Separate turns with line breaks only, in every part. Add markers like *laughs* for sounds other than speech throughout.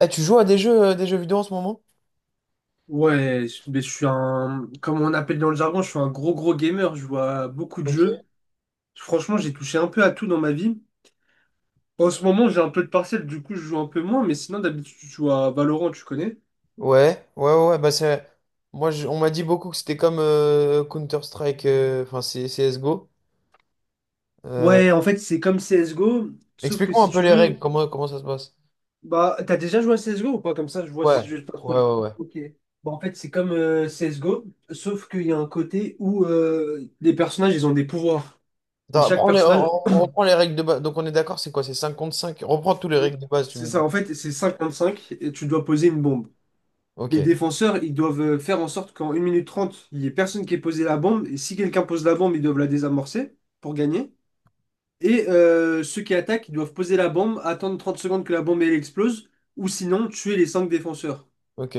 Eh, tu joues à des jeux vidéo en ce moment?
Ouais, mais je suis un, comme on appelle dans le jargon, je suis un gros gros gamer, je vois à beaucoup de
Ok.
jeux. Franchement, j'ai touché un peu à tout dans ma vie. En ce moment, j'ai un peu de partiel, du coup, je joue un peu moins, mais sinon, d'habitude, je joue à Valorant, tu connais?
Ouais, ouais, ouais, ouais, bah c'est. On m'a dit beaucoup que c'était comme Counter-Strike, enfin CSGO. Euh,
Ouais, en fait, c'est comme CSGO, sauf que
Explique-moi un
si
peu
tu
les règles,
veux,
comment ça se passe?
bah, t'as déjà joué à CSGO ou pas? Comme ça, je vois si
Ouais,
je pas trop.
ouais, ouais, ouais.
Ok. Bah, en fait, c'est comme CSGO, sauf qu'il y a un côté où les personnages, ils ont des pouvoirs. Et
Attends,
chaque
prends les,
personnage.
on, on reprend les règles de base. Donc on est d'accord, c'est quoi? C'est 5 contre 5. Reprends tous les
Mm.
règles de base, tu
C'est
me
ça,
dis.
en fait, c'est cinq et tu dois poser une bombe.
Ok,
Les défenseurs, ils doivent faire en sorte qu'en 1 minute 30, il n'y ait personne qui ait posé la bombe. Et si quelqu'un pose la bombe, ils doivent la désamorcer pour gagner. Et ceux qui attaquent, ils doivent poser la bombe, attendre 30 secondes que la bombe elle explose, ou sinon tuer les 5 défenseurs.
ok.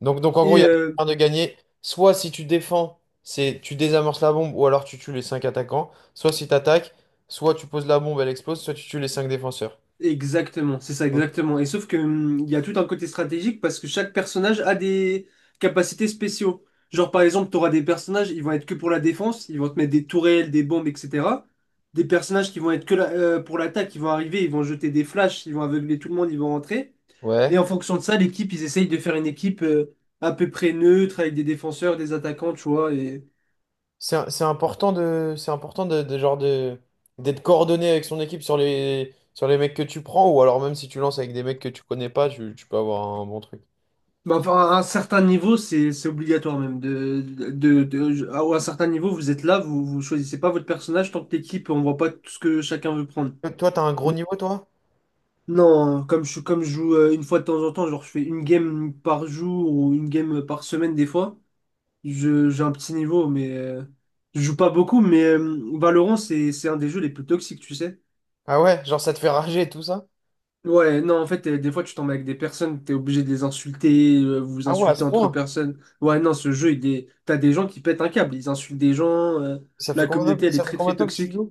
Donc, en gros, il
Et
y a
euh,
un de gagner. Soit si tu défends, c'est tu désamorces la bombe, ou alors tu tues les 5 attaquants. Soit si tu attaques, soit tu poses la bombe, elle explose, soit tu tues les 5 défenseurs.
Exactement, c'est ça, exactement. Et sauf que il y a tout un côté stratégique parce que chaque personnage a des capacités spéciaux. Genre par exemple, tu auras des personnages, ils vont être que pour la défense, ils vont te mettre des tourelles, des bombes, etc. Des personnages qui vont être que pour l'attaque, ils vont arriver, ils vont jeter des flashs, ils vont aveugler tout le monde, ils vont rentrer. Et
Ouais.
en fonction de ça, l'équipe, ils essayent de faire une équipe à peu près neutre avec des défenseurs, des attaquants, tu vois.
C'est important d'être coordonné avec son équipe sur les mecs que tu prends, ou alors même si tu lances avec des mecs que tu connais pas, tu peux avoir un bon truc.
Bah, enfin, à un certain niveau, c'est obligatoire même. À un certain niveau, vous êtes là, vous choisissez pas votre personnage tant que l'équipe, on voit pas tout ce que chacun veut prendre.
Toi, t'as un gros
Mais
niveau, toi?
non, hein, comme je joue une fois de temps en temps, genre je fais une game par jour ou une game par semaine des fois, j'ai un petit niveau, mais je joue pas beaucoup, mais Valorant, c'est un des jeux les plus toxiques, tu sais.
Ah ouais, genre ça te fait rager et tout ça?
Ouais, non, en fait, des fois, tu tombes avec des personnes, t'es obligé de les insulter, vous vous
Ah ouais, à ce
insultez entre
point?
personnes. Ouais, non, ce jeu, t'as des gens qui pètent un câble, ils insultent des gens. La communauté, elle est
Ça fait
très,
combien
très
de temps que tu
toxique.
joues?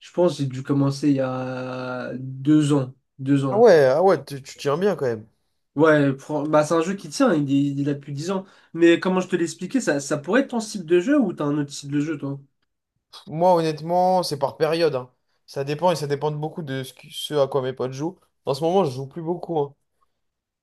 Je pense que j'ai dû commencer il y a 2 ans, deux
Ah
ans.
ouais, ah ouais, tu tiens bien quand même.
Ouais, bah, c'est un jeu qui tient, il a plus de 10 ans. Mais comment je te l'expliquais, ça pourrait être ton style de jeu ou t'as un autre style de jeu, toi?
Pff, moi, honnêtement, c'est par période, hein. Ça dépend et ça dépend de beaucoup de ce à quoi mes potes jouent. En ce moment, je joue plus beaucoup, hein.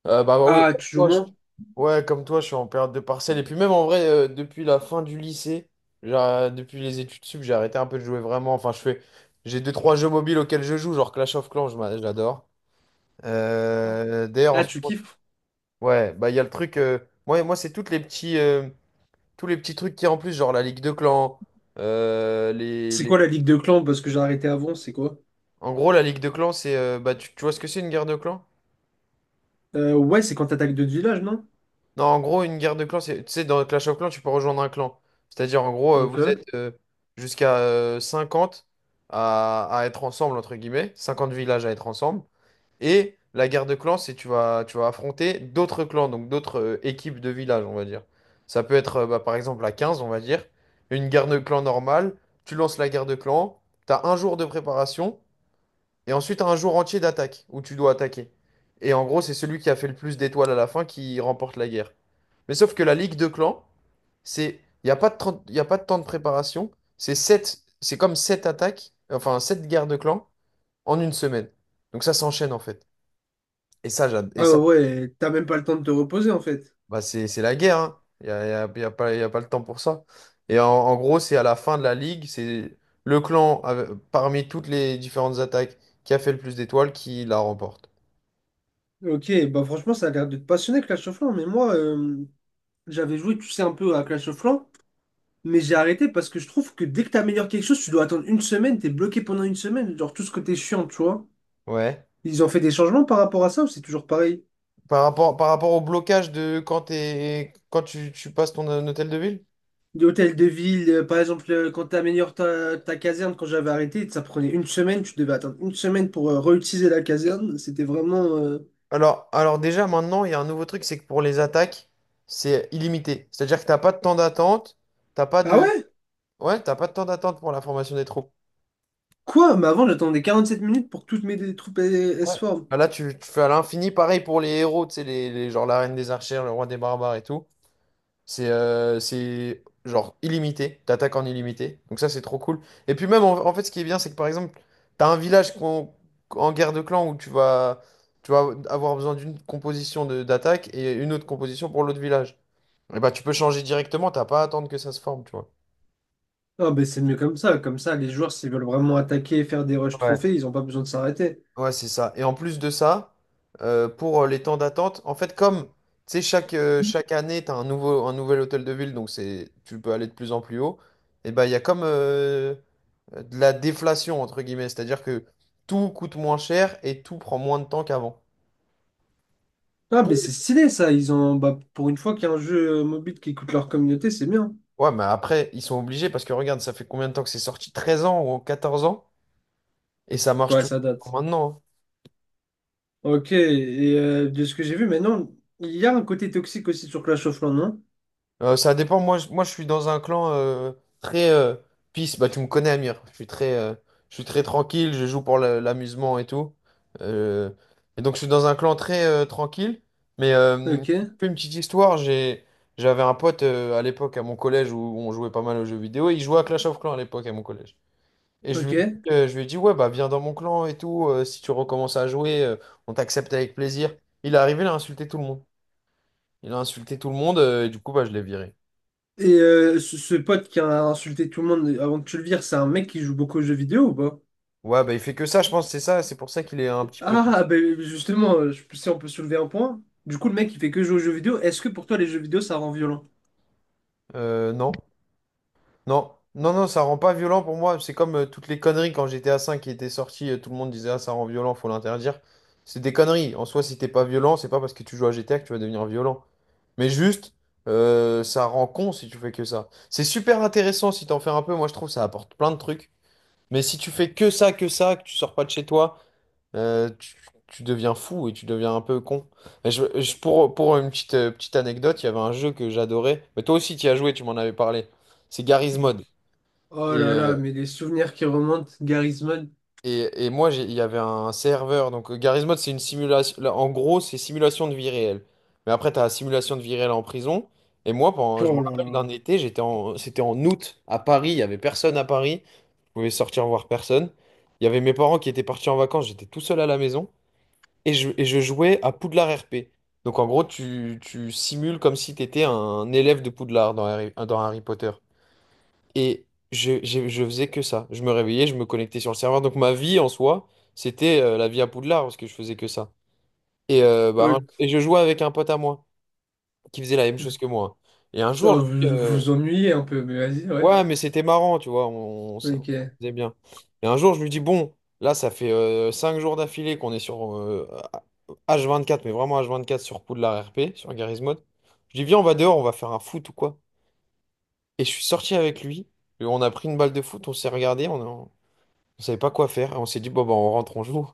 Bah oui,
Ah, tu joues moins?
ouais, comme toi, je suis en période de partiel. Et puis même en vrai, depuis la fin du lycée, genre, depuis les études sup, j'ai arrêté un peu de jouer vraiment. Enfin, j'ai deux, trois jeux mobiles auxquels je joue, genre Clash of Clans, je l'adore. D'ailleurs, en
Ah,
ce
tu
moment,
kiffes?
ouais, bah il y a le truc. Moi, c'est tous les petits trucs qui en plus, genre la Ligue de Clans. euh, les,
C'est
les-
quoi la ligue de clans? Parce que j'ai arrêté avant, c'est quoi?
En gros, la Ligue de Clans, tu vois ce que c'est une guerre de clans?
Ouais, c'est quand t'attaques d'autres villages, non?
Non, en gros, une guerre de clans, c'est, tu sais, dans Clash of Clans, tu peux rejoindre un clan. C'est-à-dire, en gros, vous êtes
Ok.
jusqu'à 50 à être ensemble, entre guillemets, 50 villages à être ensemble. Et la guerre de clans, c'est tu vas affronter d'autres clans, donc d'autres équipes de villages, on va dire. Ça peut être, bah, par exemple, à 15, on va dire, une guerre de clans normale, tu lances la guerre de clans, tu as un jour de préparation, et ensuite, t'as un jour entier d'attaque, où tu dois attaquer. Et en gros, c'est celui qui a fait le plus d'étoiles à la fin qui remporte la guerre. Mais sauf que la ligue de clans, c'est, il n'y a pas de 30 y a pas de temps de préparation, c'est comme 7 attaques, enfin 7 guerres de clans en une semaine. Donc ça s'enchaîne en fait. Et ça, j'ad- et
Ah
ça
ouais, t'as même pas le temps de te reposer en fait.
bah c'est la guerre, hein. Il n'y a, y a- Y a pas le temps pour ça. Et en gros, c'est à la fin de la ligue, c'est le clan, parmi toutes les différentes attaques, qui a fait le plus d'étoiles qui la remporte.
Ok, bah franchement, ça a l'air de te passionner Clash of Clans, mais moi, j'avais joué, tu sais, un peu à Clash of Clans, mais j'ai arrêté parce que je trouve que dès que t'améliores quelque chose, tu dois attendre une semaine, t'es bloqué pendant une semaine, genre tout ce que t'es chiant, tu vois.
Ouais.
Ils ont fait des changements par rapport à ça ou c'est toujours pareil?
Par rapport au blocage de quand tu passes ton hôtel de ville?
De hôtel de ville, par exemple, quand tu améliores ta caserne, quand j'avais arrêté, ça prenait une semaine, tu devais attendre une semaine pour réutiliser la caserne. C'était vraiment.
Alors, déjà maintenant, il y a un nouveau truc, c'est que pour les attaques, c'est illimité. C'est-à-dire que t'as pas de temps d'attente, t'as pas
Ah
de.
ouais?
Ouais, t'as pas de temps d'attente pour la formation des troupes.
Quoi? Mais avant, j'attendais 47 minutes pour que toutes mes troupes elles se
Ouais.
forment.
Ah, là, tu fais à l'infini, pareil pour les héros, tu sais, genre la reine des archères, le roi des barbares et tout. C'est genre illimité, t'attaques en illimité. Donc ça, c'est trop cool. Et puis même, en fait, ce qui est bien, c'est que par exemple, t'as un village en guerre de clan où tu vas avoir besoin d'une composition d'attaque et une autre composition pour l'autre village. Et bah, tu peux changer directement, t'as pas à attendre que ça se forme, tu
Ah, ben c'est mieux comme ça. Comme ça, les joueurs, s'ils veulent vraiment attaquer et faire des rushs
vois.
trophées, ils n'ont pas besoin de s'arrêter.
Ouais, c'est ça. Et en plus de ça, pour les temps d'attente, en fait, comme tu sais, chaque année, tu as un nouvel hôtel de ville, donc tu peux aller de plus en plus haut, et ben il y a comme de la déflation, entre guillemets, c'est-à-dire que tout coûte moins cher et tout prend moins de temps qu'avant.
Ah,
Pour
ben c'est
les-
stylé ça. Ils ont. Bah, pour une fois qu'il y a un jeu mobile qui écoute leur communauté, c'est bien.
Ouais, mais après, ils sont obligés parce que regarde, ça fait combien de temps que c'est sorti? 13 ans ou 14 ans? Et ça marche
Ouais,
toujours
ça date.
maintenant, hein.
Ok, et de ce que j'ai vu maintenant, il y a un côté toxique aussi sur Clash of Clans, non?
Ça dépend. Moi, je suis dans un clan très peace. Bah, tu me connais, Amir. Je suis très tranquille. Je joue pour l'amusement et tout. Euh, et donc, je suis dans un clan très tranquille. Mais
Ok.
une petite histoire. J'avais un pote à l'époque à mon collège où on jouait pas mal aux jeux vidéo. Il jouait à Clash of Clans à l'époque à mon collège. Et
Ok. Et
je lui ai dit, ouais, bah, viens dans mon clan et tout. Si tu recommences à jouer, on t'accepte avec plaisir. Il est arrivé, il a insulté tout le monde. Il a insulté tout le monde. Et du coup, bah, je l'ai viré.
euh, ce, ce pote qui a insulté tout le monde avant que tu le vires, c'est un mec qui joue beaucoup aux jeux vidéo ou pas?
Ouais, bah il fait que ça, je pense, c'est ça, c'est pour ça qu'il est un petit peu.
Ah, ben justement, si on peut soulever un point. Du coup, le mec, il fait que jouer aux jeux vidéo. Est-ce que pour toi, les jeux vidéo, ça rend violent?
Non, non, non, non, ça rend pas violent pour moi. C'est comme toutes les conneries quand GTA 5 qui était sorti, tout le monde disait ah, ça rend violent, faut l'interdire. C'est des conneries. En soi, si t'es pas violent, c'est pas parce que tu joues à GTA que tu vas devenir violent. Mais juste, ça rend con si tu fais que ça. C'est super intéressant si t'en fais un peu. Moi, je trouve ça apporte plein de trucs. Mais si tu fais que ça, que tu sors pas de chez toi, Euh, tu, tu deviens fou et tu deviens un peu con. Mais pour une petite anecdote, il y avait un jeu que j'adorais. Mais toi aussi, tu y as joué, tu m'en avais parlé. C'est Garry's
Du-
Mod.
Oh
Et,
là
euh,
là, mais les souvenirs qui remontent, Garisman.
et moi, il y avait un serveur. Donc, Garry's Mod, c'est une simulation. Là, en gros, c'est simulation de vie réelle. Mais après, tu as simulation de vie réelle en prison. Et moi, je me
Oh là
rappelle
là.
d'un été, c'était en août à Paris. Il y avait personne à Paris. Je pouvais sortir voir personne. Il y avait mes parents qui étaient partis en vacances. J'étais tout seul à la maison. Et je jouais à Poudlard RP. Donc en gros, tu simules comme si tu étais un élève de Poudlard dans Harry Potter. Et je faisais que ça. Je me réveillais, je me connectais sur le serveur. Donc ma vie en soi, c'était la vie à Poudlard parce que je faisais que ça. Et
Ok.
je jouais avec un pote à moi qui faisait la même chose que moi. Et un jour,
Ah,
lui,
vous vous
euh,
vous ennuyez un peu, mais vas-y, ouais.
Ouais, mais c'était marrant, tu vois, on
Ok.
s'amusait bien. Et un jour, je lui dis, bon, là, ça fait 5 jours d'affilée qu'on est sur H24, mais vraiment H24 sur Poudlard RP, sur Garry's Mod. Je dis, viens, on va dehors, on va faire un foot ou quoi. Et je suis sorti avec lui, et on a pris une balle de foot, on s'est regardé, on savait pas quoi faire, et on s'est dit, bon, bah, on rentre, on joue.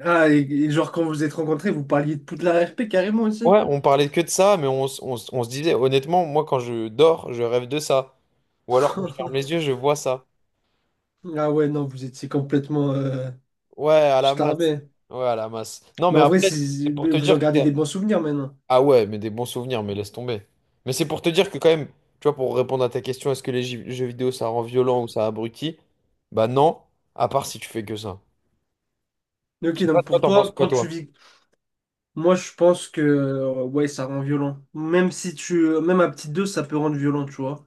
Ah, et genre quand vous êtes rencontrés, vous parliez de Poudlard RP carrément aussi?
Ouais, on parlait que de ça, mais on se disait, honnêtement, moi, quand je dors, je rêve de ça. Ou alors, quand je ferme les yeux,
*laughs*
je vois ça.
Ah ouais, non, vous étiez complètement
Ouais, à la masse.
starbé.
Ouais, à la masse. Non,
Mais
mais
en vrai,
après, c'est pour te
vous en
dire que
gardez des bons souvenirs maintenant.
Ah ouais, mais des bons souvenirs, mais laisse tomber. Mais c'est pour te dire que quand même, tu vois, pour répondre à ta question, est-ce que les jeux vidéo, ça rend violent ou ça abrutit? Bah non, à part si tu fais que ça.
Mais
Je
ok,
sais pas,
donc
toi,
pour
t'en penses
toi,
quoi,
quand tu
toi?
vis, moi je pense que ouais, ça rend violent. Même si tu, même à petite dose, ça peut rendre violent, tu vois.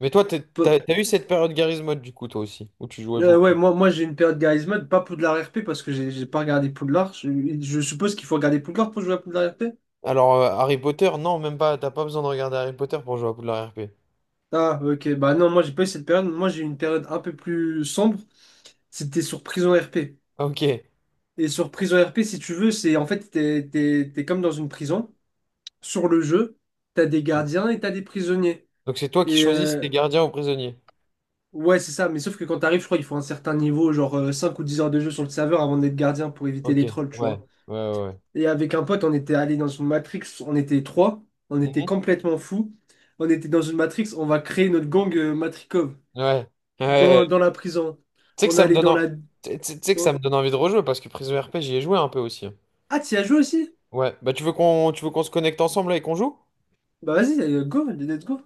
Mais toi, t'es- t'as,
Peu-
t'as eu cette période Garry's Mod, du coup, toi aussi, où tu jouais
Ouais,
beaucoup.
moi, moi j'ai une période Garry's Mod, pas Poudlard RP parce que j'ai pas regardé Poudlard. Je suppose qu'il faut regarder Poudlard pour jouer à Poudlard RP.
Alors, Harry Potter, non, même pas, t'as pas besoin de regarder Harry Potter pour jouer à Poudlard RP.
Ah, ok, bah non, moi j'ai pas eu cette période. Moi j'ai eu une période un peu plus sombre. C'était sur prison RP.
Ok. Ouais.
Et sur prison RP, si tu veux, c'est en fait, t'es comme dans une prison, sur le jeu. T'as des gardiens et t'as des prisonniers.
Donc c'est toi
Et
qui choisis
euh,
tes gardiens ou prisonniers.
ouais, c'est ça. Mais sauf que quand t'arrives, je crois qu'il faut un certain niveau, genre 5 ou 10 heures de jeu sur le serveur avant d'être gardien pour éviter
Ok,
les
ouais,
trolls, tu
ouais,
vois.
ouais. Ouais.
Et avec un pote, on était allé dans une matrix, on était trois, on était
Mhm.
complètement fous. On était dans une matrix, on va créer notre gang Matrikov
Ouais. Ouais,
dans
ouais.
la prison.
Tu sais que
On
ça me
allait
donne
dans
en-
la.
tu sais que ça
Oh.
me donne envie de rejouer parce que Prison RP j'y ai joué un peu aussi.
Ah, t'y as joué aussi?
Ouais, bah tu veux qu'on se connecte ensemble là et qu'on joue?
Bah vas-y, go, let's go.